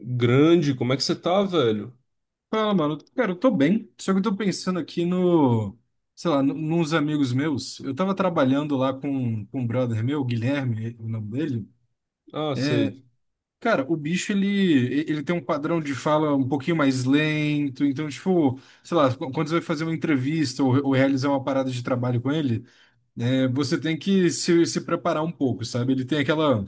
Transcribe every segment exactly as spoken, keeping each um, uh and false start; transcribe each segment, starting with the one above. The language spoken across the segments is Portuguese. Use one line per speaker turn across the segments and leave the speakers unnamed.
Grande, como é que você tá, velho?
Fala, mano. Cara, eu tô bem, só que eu tô pensando aqui no, sei lá, nu- nos amigos meus. Eu tava trabalhando lá com, com um brother meu, Guilherme, o nome dele.
Ah, sei,
Cara, o bicho, ele, ele tem um padrão de fala um pouquinho mais lento, então, tipo, sei lá, qu- quando você vai fazer uma entrevista ou, ou realizar uma parada de trabalho com ele, né, você tem que se, se preparar um pouco, sabe? Ele tem aquela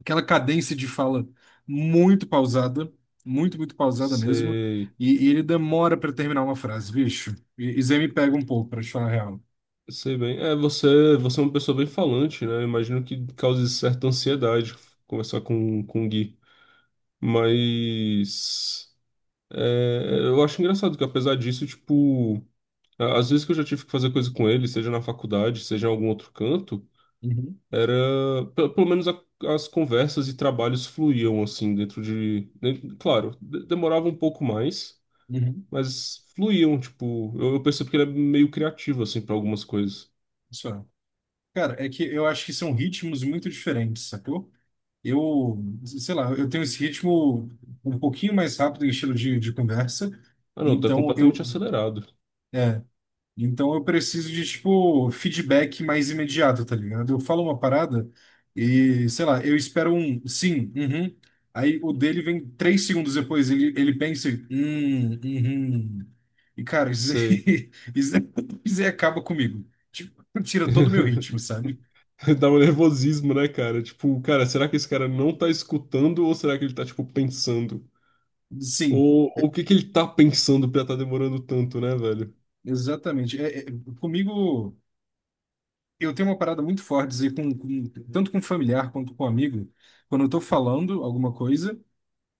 aquela cadência de fala muito pausada, muito, muito pausada mesmo,
sei,
e, e ele demora para terminar uma frase, bicho. E isso aí me pega um pouco, para te falar a real.
sei bem. É, você, você é uma pessoa bem falante, né? Imagino que cause certa ansiedade conversar com, com o Gui. Mas é, eu acho engraçado que apesar disso, tipo, a- às vezes que eu já tive que fazer coisa com ele, seja na faculdade, seja em algum outro canto,
Uhum,
era, pe- pelo menos a- as conversas e trabalhos fluíam assim dentro de, dentro- claro, de- demorava um pouco mais.
uhum.
Mas fluíam, tipo, eu, eu percebo que ele é meio criativo, assim, pra algumas coisas.
Isso é. Cara, é que eu acho que são ritmos muito diferentes, sacou? Eu, sei lá, eu tenho esse ritmo um pouquinho mais rápido em estilo de, de conversa,
Ah, não, tá
então
completamente
eu,
acelerado.
é, então eu preciso de, tipo, feedback mais imediato, tá ligado? Eu falo uma parada e, sei lá, eu espero um sim, uhum, aí o dele vem três segundos depois, ele, ele pensa, e, hum, uhum, e cara, isso
Sei.
aí, isso aí, isso aí acaba comigo, tipo, tira todo o meu ritmo, sabe?
Dá um nervosismo, né, cara? Tipo, cara, será que esse cara não tá escutando ou será que ele tá, tipo, pensando?
Sim,
Ou, ou o que que ele tá pensando pra tá demorando tanto, né, velho?
exatamente, é, é, comigo... Eu tenho uma parada muito forte, dizer, com, com- tanto com familiar quanto com amigo, quando eu tô falando alguma coisa,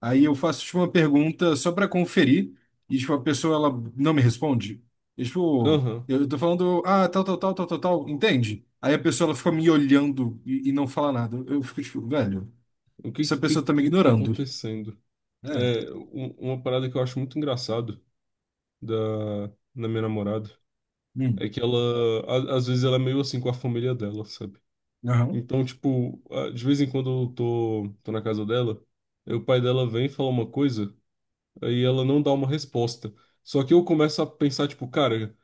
aí eu faço, tipo, uma pergunta só para conferir, e, tipo, a pessoa, ela não me responde. E, tipo,
Aham.
eu tô falando, ah, tal, tal, tal, tal, tal, tal, entende? Aí a pessoa, ela fica me olhando e, e não fala nada. Eu fico, tipo, velho,
O que
essa
que, que
pessoa tá me
que que tá
ignorando.
acontecendo?
É,
É, um- uma parada que eu acho muito engraçado da, da minha namorada
hum,
é que ela, a- às vezes, ela é meio assim com a família dela, sabe?
aham,
Então, tipo, ah, de vez em quando eu tô, tô na casa dela, aí o pai dela vem e fala uma coisa, aí ela não dá uma resposta. Só que eu começo a pensar, tipo, cara,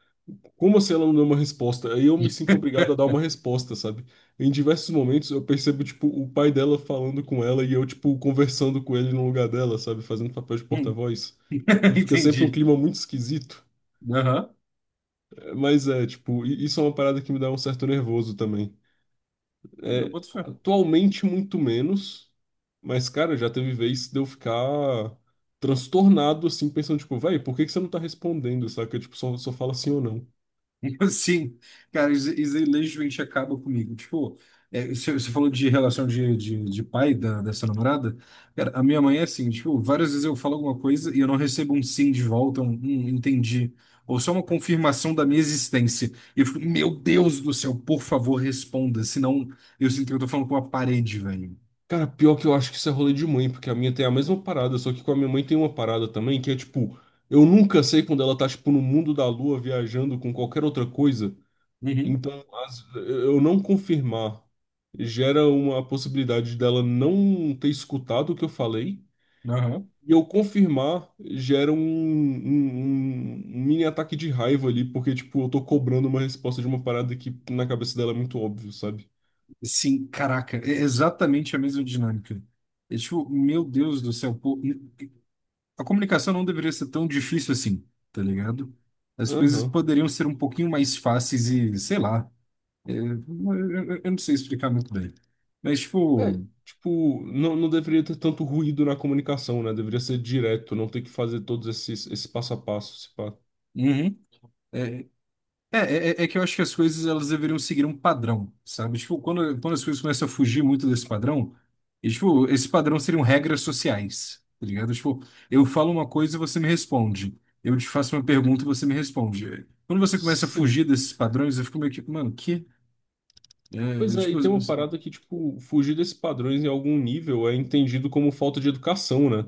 como assim ela não deu uma resposta? Aí eu me sinto obrigado a dar uma resposta, sabe? Em diversos momentos eu percebo, tipo, o pai dela falando com ela e eu, tipo, conversando com ele no lugar dela, sabe? Fazendo papel de
hum,
porta-voz. E fica sempre um
entendi,
clima muito esquisito.
aham,
Eh, Mas é, tipo, i- isso é uma parada que me dá um certo nervoso também.
eu
É,
boto fé.
atualmente muito menos, mas, cara, já teve vez de eu ficar transtornado, assim, pensando, tipo, véi, por que que você não tá respondendo, saca? Tipo, só, só fala sim ou não.
Sim, cara, isso, isso aí legitimamente acaba comigo. Tipo, é, você, você falou de relação de, de, de pai da, dessa namorada. Cara, a minha mãe é assim, tipo, várias vezes eu falo alguma coisa e eu não recebo um sim de volta, um, "Hum, entendi. Ou só uma confirmação da minha existência. E eu fico, meu Deus do céu, por favor, responda. Senão eu sinto que eu tô falando com uma parede, velho.
Cara, pior que eu acho que isso é rolê de mãe, porque a minha tem a mesma parada, só que com a minha mãe tem uma parada também, que é, tipo, eu nunca sei quando ela tá, tipo, no mundo da lua, viajando com qualquer outra coisa,
Uhum,
então, as- eu não confirmar gera uma possibilidade dela não ter escutado o que eu falei,
aham.
e eu confirmar gera um, um, um um mini ataque de raiva ali, porque, tipo, eu tô cobrando uma resposta de uma parada que na cabeça dela é muito óbvio, sabe?
Sim, caraca, é exatamente a mesma dinâmica. É tipo, meu Deus do céu, pô, a comunicação não deveria ser tão difícil assim, tá ligado? As coisas
Aham.
poderiam ser um pouquinho mais fáceis e, sei lá, é, eu, eu- eu não sei explicar muito bem. Mas,
É,
tipo,
tipo, não, não deveria ter tanto ruído na comunicação, né? Deveria ser direto, não ter que fazer todos esses, esse passo a passo, esse pá.
uhum, é, é, é, é é que eu acho que as coisas elas deveriam seguir um padrão, sabe? Tipo, quando, quando as coisas começam a fugir muito desse padrão, e, tipo, esse padrão seriam regras sociais, tá ligado? Tipo, eu falo uma coisa e você me responde. Eu te faço uma pergunta e você me responde. Quando você começa a
Sim.
fugir desses padrões, eu fico meio que, mano, que? É,
Pois é,
tipo,
e tem uma parada que, tipo, fugir desses padrões em algum nível é entendido como falta de educação, né?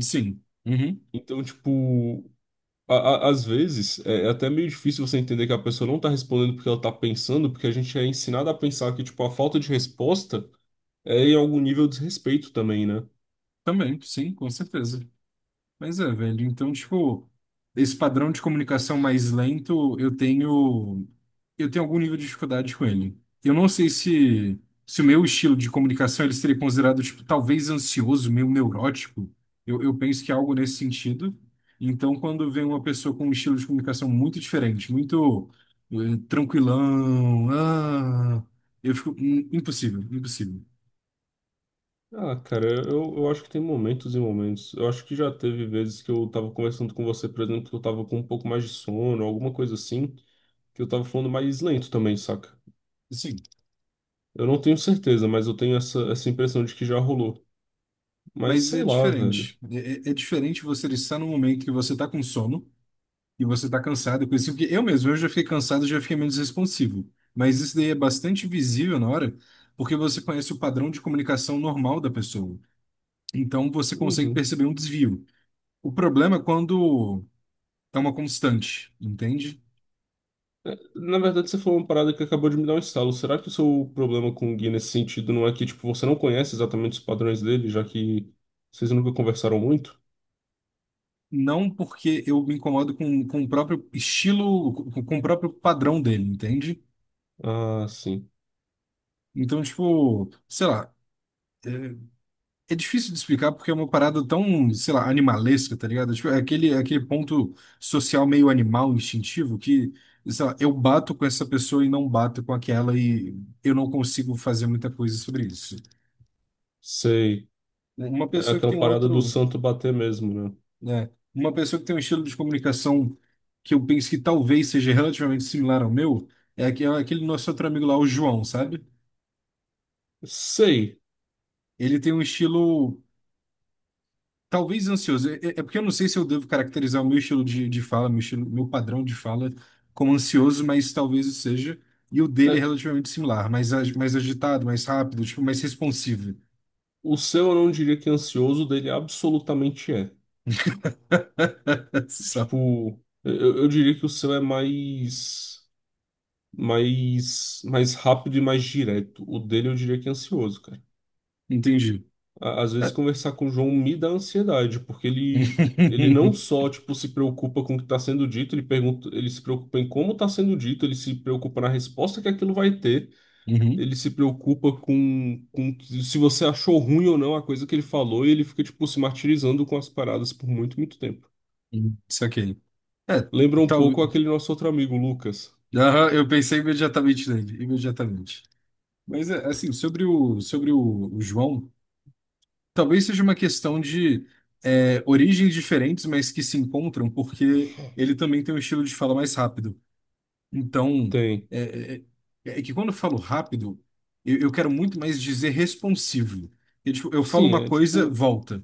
sim. Uhum.
Então, tipo, a- a- às vezes é é até meio difícil você entender que a pessoa não tá respondendo porque ela tá pensando, porque a gente é ensinado a pensar que, tipo, a falta de resposta é em algum nível de desrespeito também, né?
Também, sim, com certeza. Mas é, velho, então, tipo, esse padrão de comunicação mais lento, eu tenho eu tenho algum nível de dificuldade com ele. Eu não sei se se o meu estilo de comunicação ele seria considerado, tipo, talvez ansioso, meio neurótico. Eu, eu penso que é algo nesse sentido. Então, quando vem uma pessoa com um estilo de comunicação muito diferente, muito eh, tranquilão, ah, eu fico hum, impossível, impossível.
Ah, cara, eu, eu acho que tem momentos e momentos. Eu acho que já teve vezes que eu tava conversando com você, por exemplo, que eu tava com um pouco mais de sono, alguma coisa assim, que eu tava falando mais lento também, saca?
Sim.
Eu não tenho certeza, mas eu tenho essa, essa impressão de que já rolou. Mas
Mas é
sei lá, velho.
diferente. É, é- é diferente você estar num momento que você está com sono e você está cansado, coisa assim, porque eu mesmo, eu já fiquei cansado, já fiquei menos responsivo. Mas isso daí é bastante visível na hora, porque você conhece o padrão de comunicação normal da pessoa. Então você consegue
Uhum.
perceber um desvio. O problema é quando é uma constante, entende?
Na verdade, você falou uma parada que acabou de me dar um estalo. Será que o seu problema com o Gui nesse sentido não é que, tipo, você não conhece exatamente os padrões dele, já que vocês nunca conversaram muito?
Não porque eu me incomodo com, com o próprio estilo, com, com o próprio padrão dele, entende?
Ah, sim.
Então, tipo, sei lá. é, É difícil de explicar porque é uma parada tão, sei lá, animalesca, tá ligado? Tipo, é aquele, é aquele ponto social meio animal, instintivo, que, sei lá, eu bato com essa pessoa e não bato com aquela e eu não consigo fazer muita coisa sobre isso.
Sei.
Uma
É
pessoa que
aquela
tem
parada do
outro,
santo bater mesmo, né?
né? Uma pessoa que tem um estilo de comunicação que eu penso que talvez seja relativamente similar ao meu, é aque- é aquele nosso outro amigo lá, o João, sabe?
Sei.
Ele tem um estilo. Talvez ansioso. É, é- é porque eu não sei se eu devo caracterizar o meu estilo de, de fala, meu estilo, meu padrão de fala como ansioso, mas talvez o seja. E o dele é
É,
relativamente similar, mais, ag- mais agitado, mais rápido, tipo, mais responsivo.
o seu eu não diria que é ansioso, o dele absolutamente é.
Só.
Tipo, eu, eu diria que o seu é mais, mais, mais rápido e mais direto. O dele eu diria que é ansioso, cara.
Entendi.
A- às vezes
É.
conversar com o João me dá ansiedade, porque ele, ele não só, tipo, se preocupa com o que está sendo dito, ele pergunta, ele se preocupa em como está sendo dito, ele se preocupa na resposta que aquilo vai ter,
Uhum.
ele se preocupa com, com se você achou ruim ou não a coisa que ele falou, e ele fica, tipo, se martirizando com as paradas por muito, muito tempo.
Uhum. Saquei. É,
Lembra um pouco
talvez.
aquele nosso outro amigo, o Lucas.
Aham, eu pensei imediatamente nele, imediatamente. Mas é, assim, sobre o, sobre o o João. Talvez seja uma questão de é, origens diferentes, mas que se encontram, porque ele também tem um estilo de fala mais rápido. Então,
Tem.
é, é- é é que quando eu falo rápido, eu, eu quero muito mais dizer responsivo. Eu, tipo, eu falo
Sim,
uma
é
coisa,
tipo,
volta.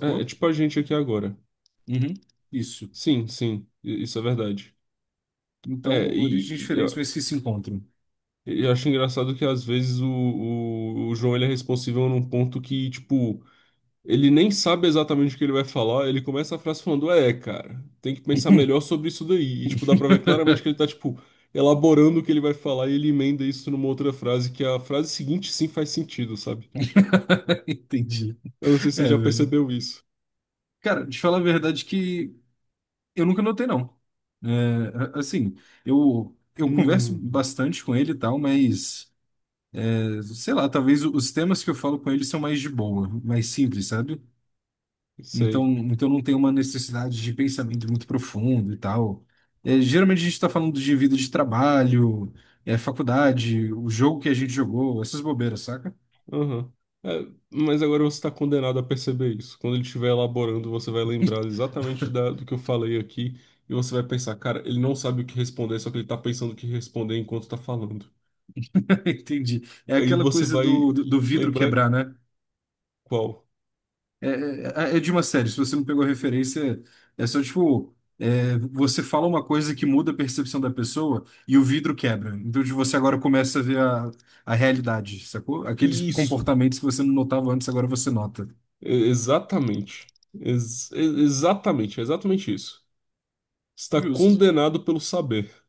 é é tipo a gente aqui agora.
Uhum, isso.
Sim, sim, i- isso é verdade. É,
Então, origens
e,
diferentes, mas que se encontram.
eu acho engraçado que às vezes o, o, o João ele é responsível num ponto que, tipo, ele nem sabe exatamente o que ele vai falar, ele começa a frase falando, é, cara, tem que pensar melhor sobre isso daí. E, tipo, dá pra ver claramente que ele tá, tipo, elaborando o que ele vai falar e ele emenda isso numa outra frase, que a frase seguinte sim faz sentido, sabe?
Entendi.
Eu não sei se você
É,
já
velho.
percebeu isso.
Cara, te falar a verdade que eu nunca notei, não. É, a- assim, eu, eu converso
Hum,
bastante com ele e tal, mas, é, sei lá, talvez o- os temas que eu falo com ele são mais de boa, mais simples, sabe? Então,
sei.
então não tem uma necessidade de pensamento muito profundo e tal. É, geralmente a gente está falando de vida de trabalho, é, faculdade, o jogo que a gente jogou, essas bobeiras, saca?
Aham. É, mas agora você está condenado a perceber isso. Quando ele estiver elaborando, você vai lembrar exatamente da- do que eu falei aqui e você vai pensar, cara, ele não sabe o que responder, só que ele está pensando o que responder enquanto está falando.
Entendi. É
Aí
aquela
você
coisa
vai
do, do, do vidro
lembrar
quebrar, né?
qual.
É, é, é é de uma série, se você não pegou a referência, é só tipo. É, você fala uma coisa que muda a percepção da pessoa e o vidro quebra. Então de você agora começa a ver a, a realidade, sacou? Aqueles
Isso.
comportamentos que você não notava antes, agora você nota.
E- Exatamente. Ex- e- exatamente, é exatamente isso. Está
Justo.
condenado pelo saber.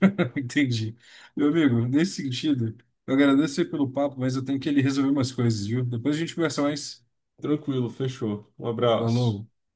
Entendi. Meu amigo, nesse sentido, eu agradeço aí pelo papo, mas eu tenho que ele resolver umas coisas, viu? Depois a gente conversa mais.
Tranquilo, fechou. Um
Falou.
abraço.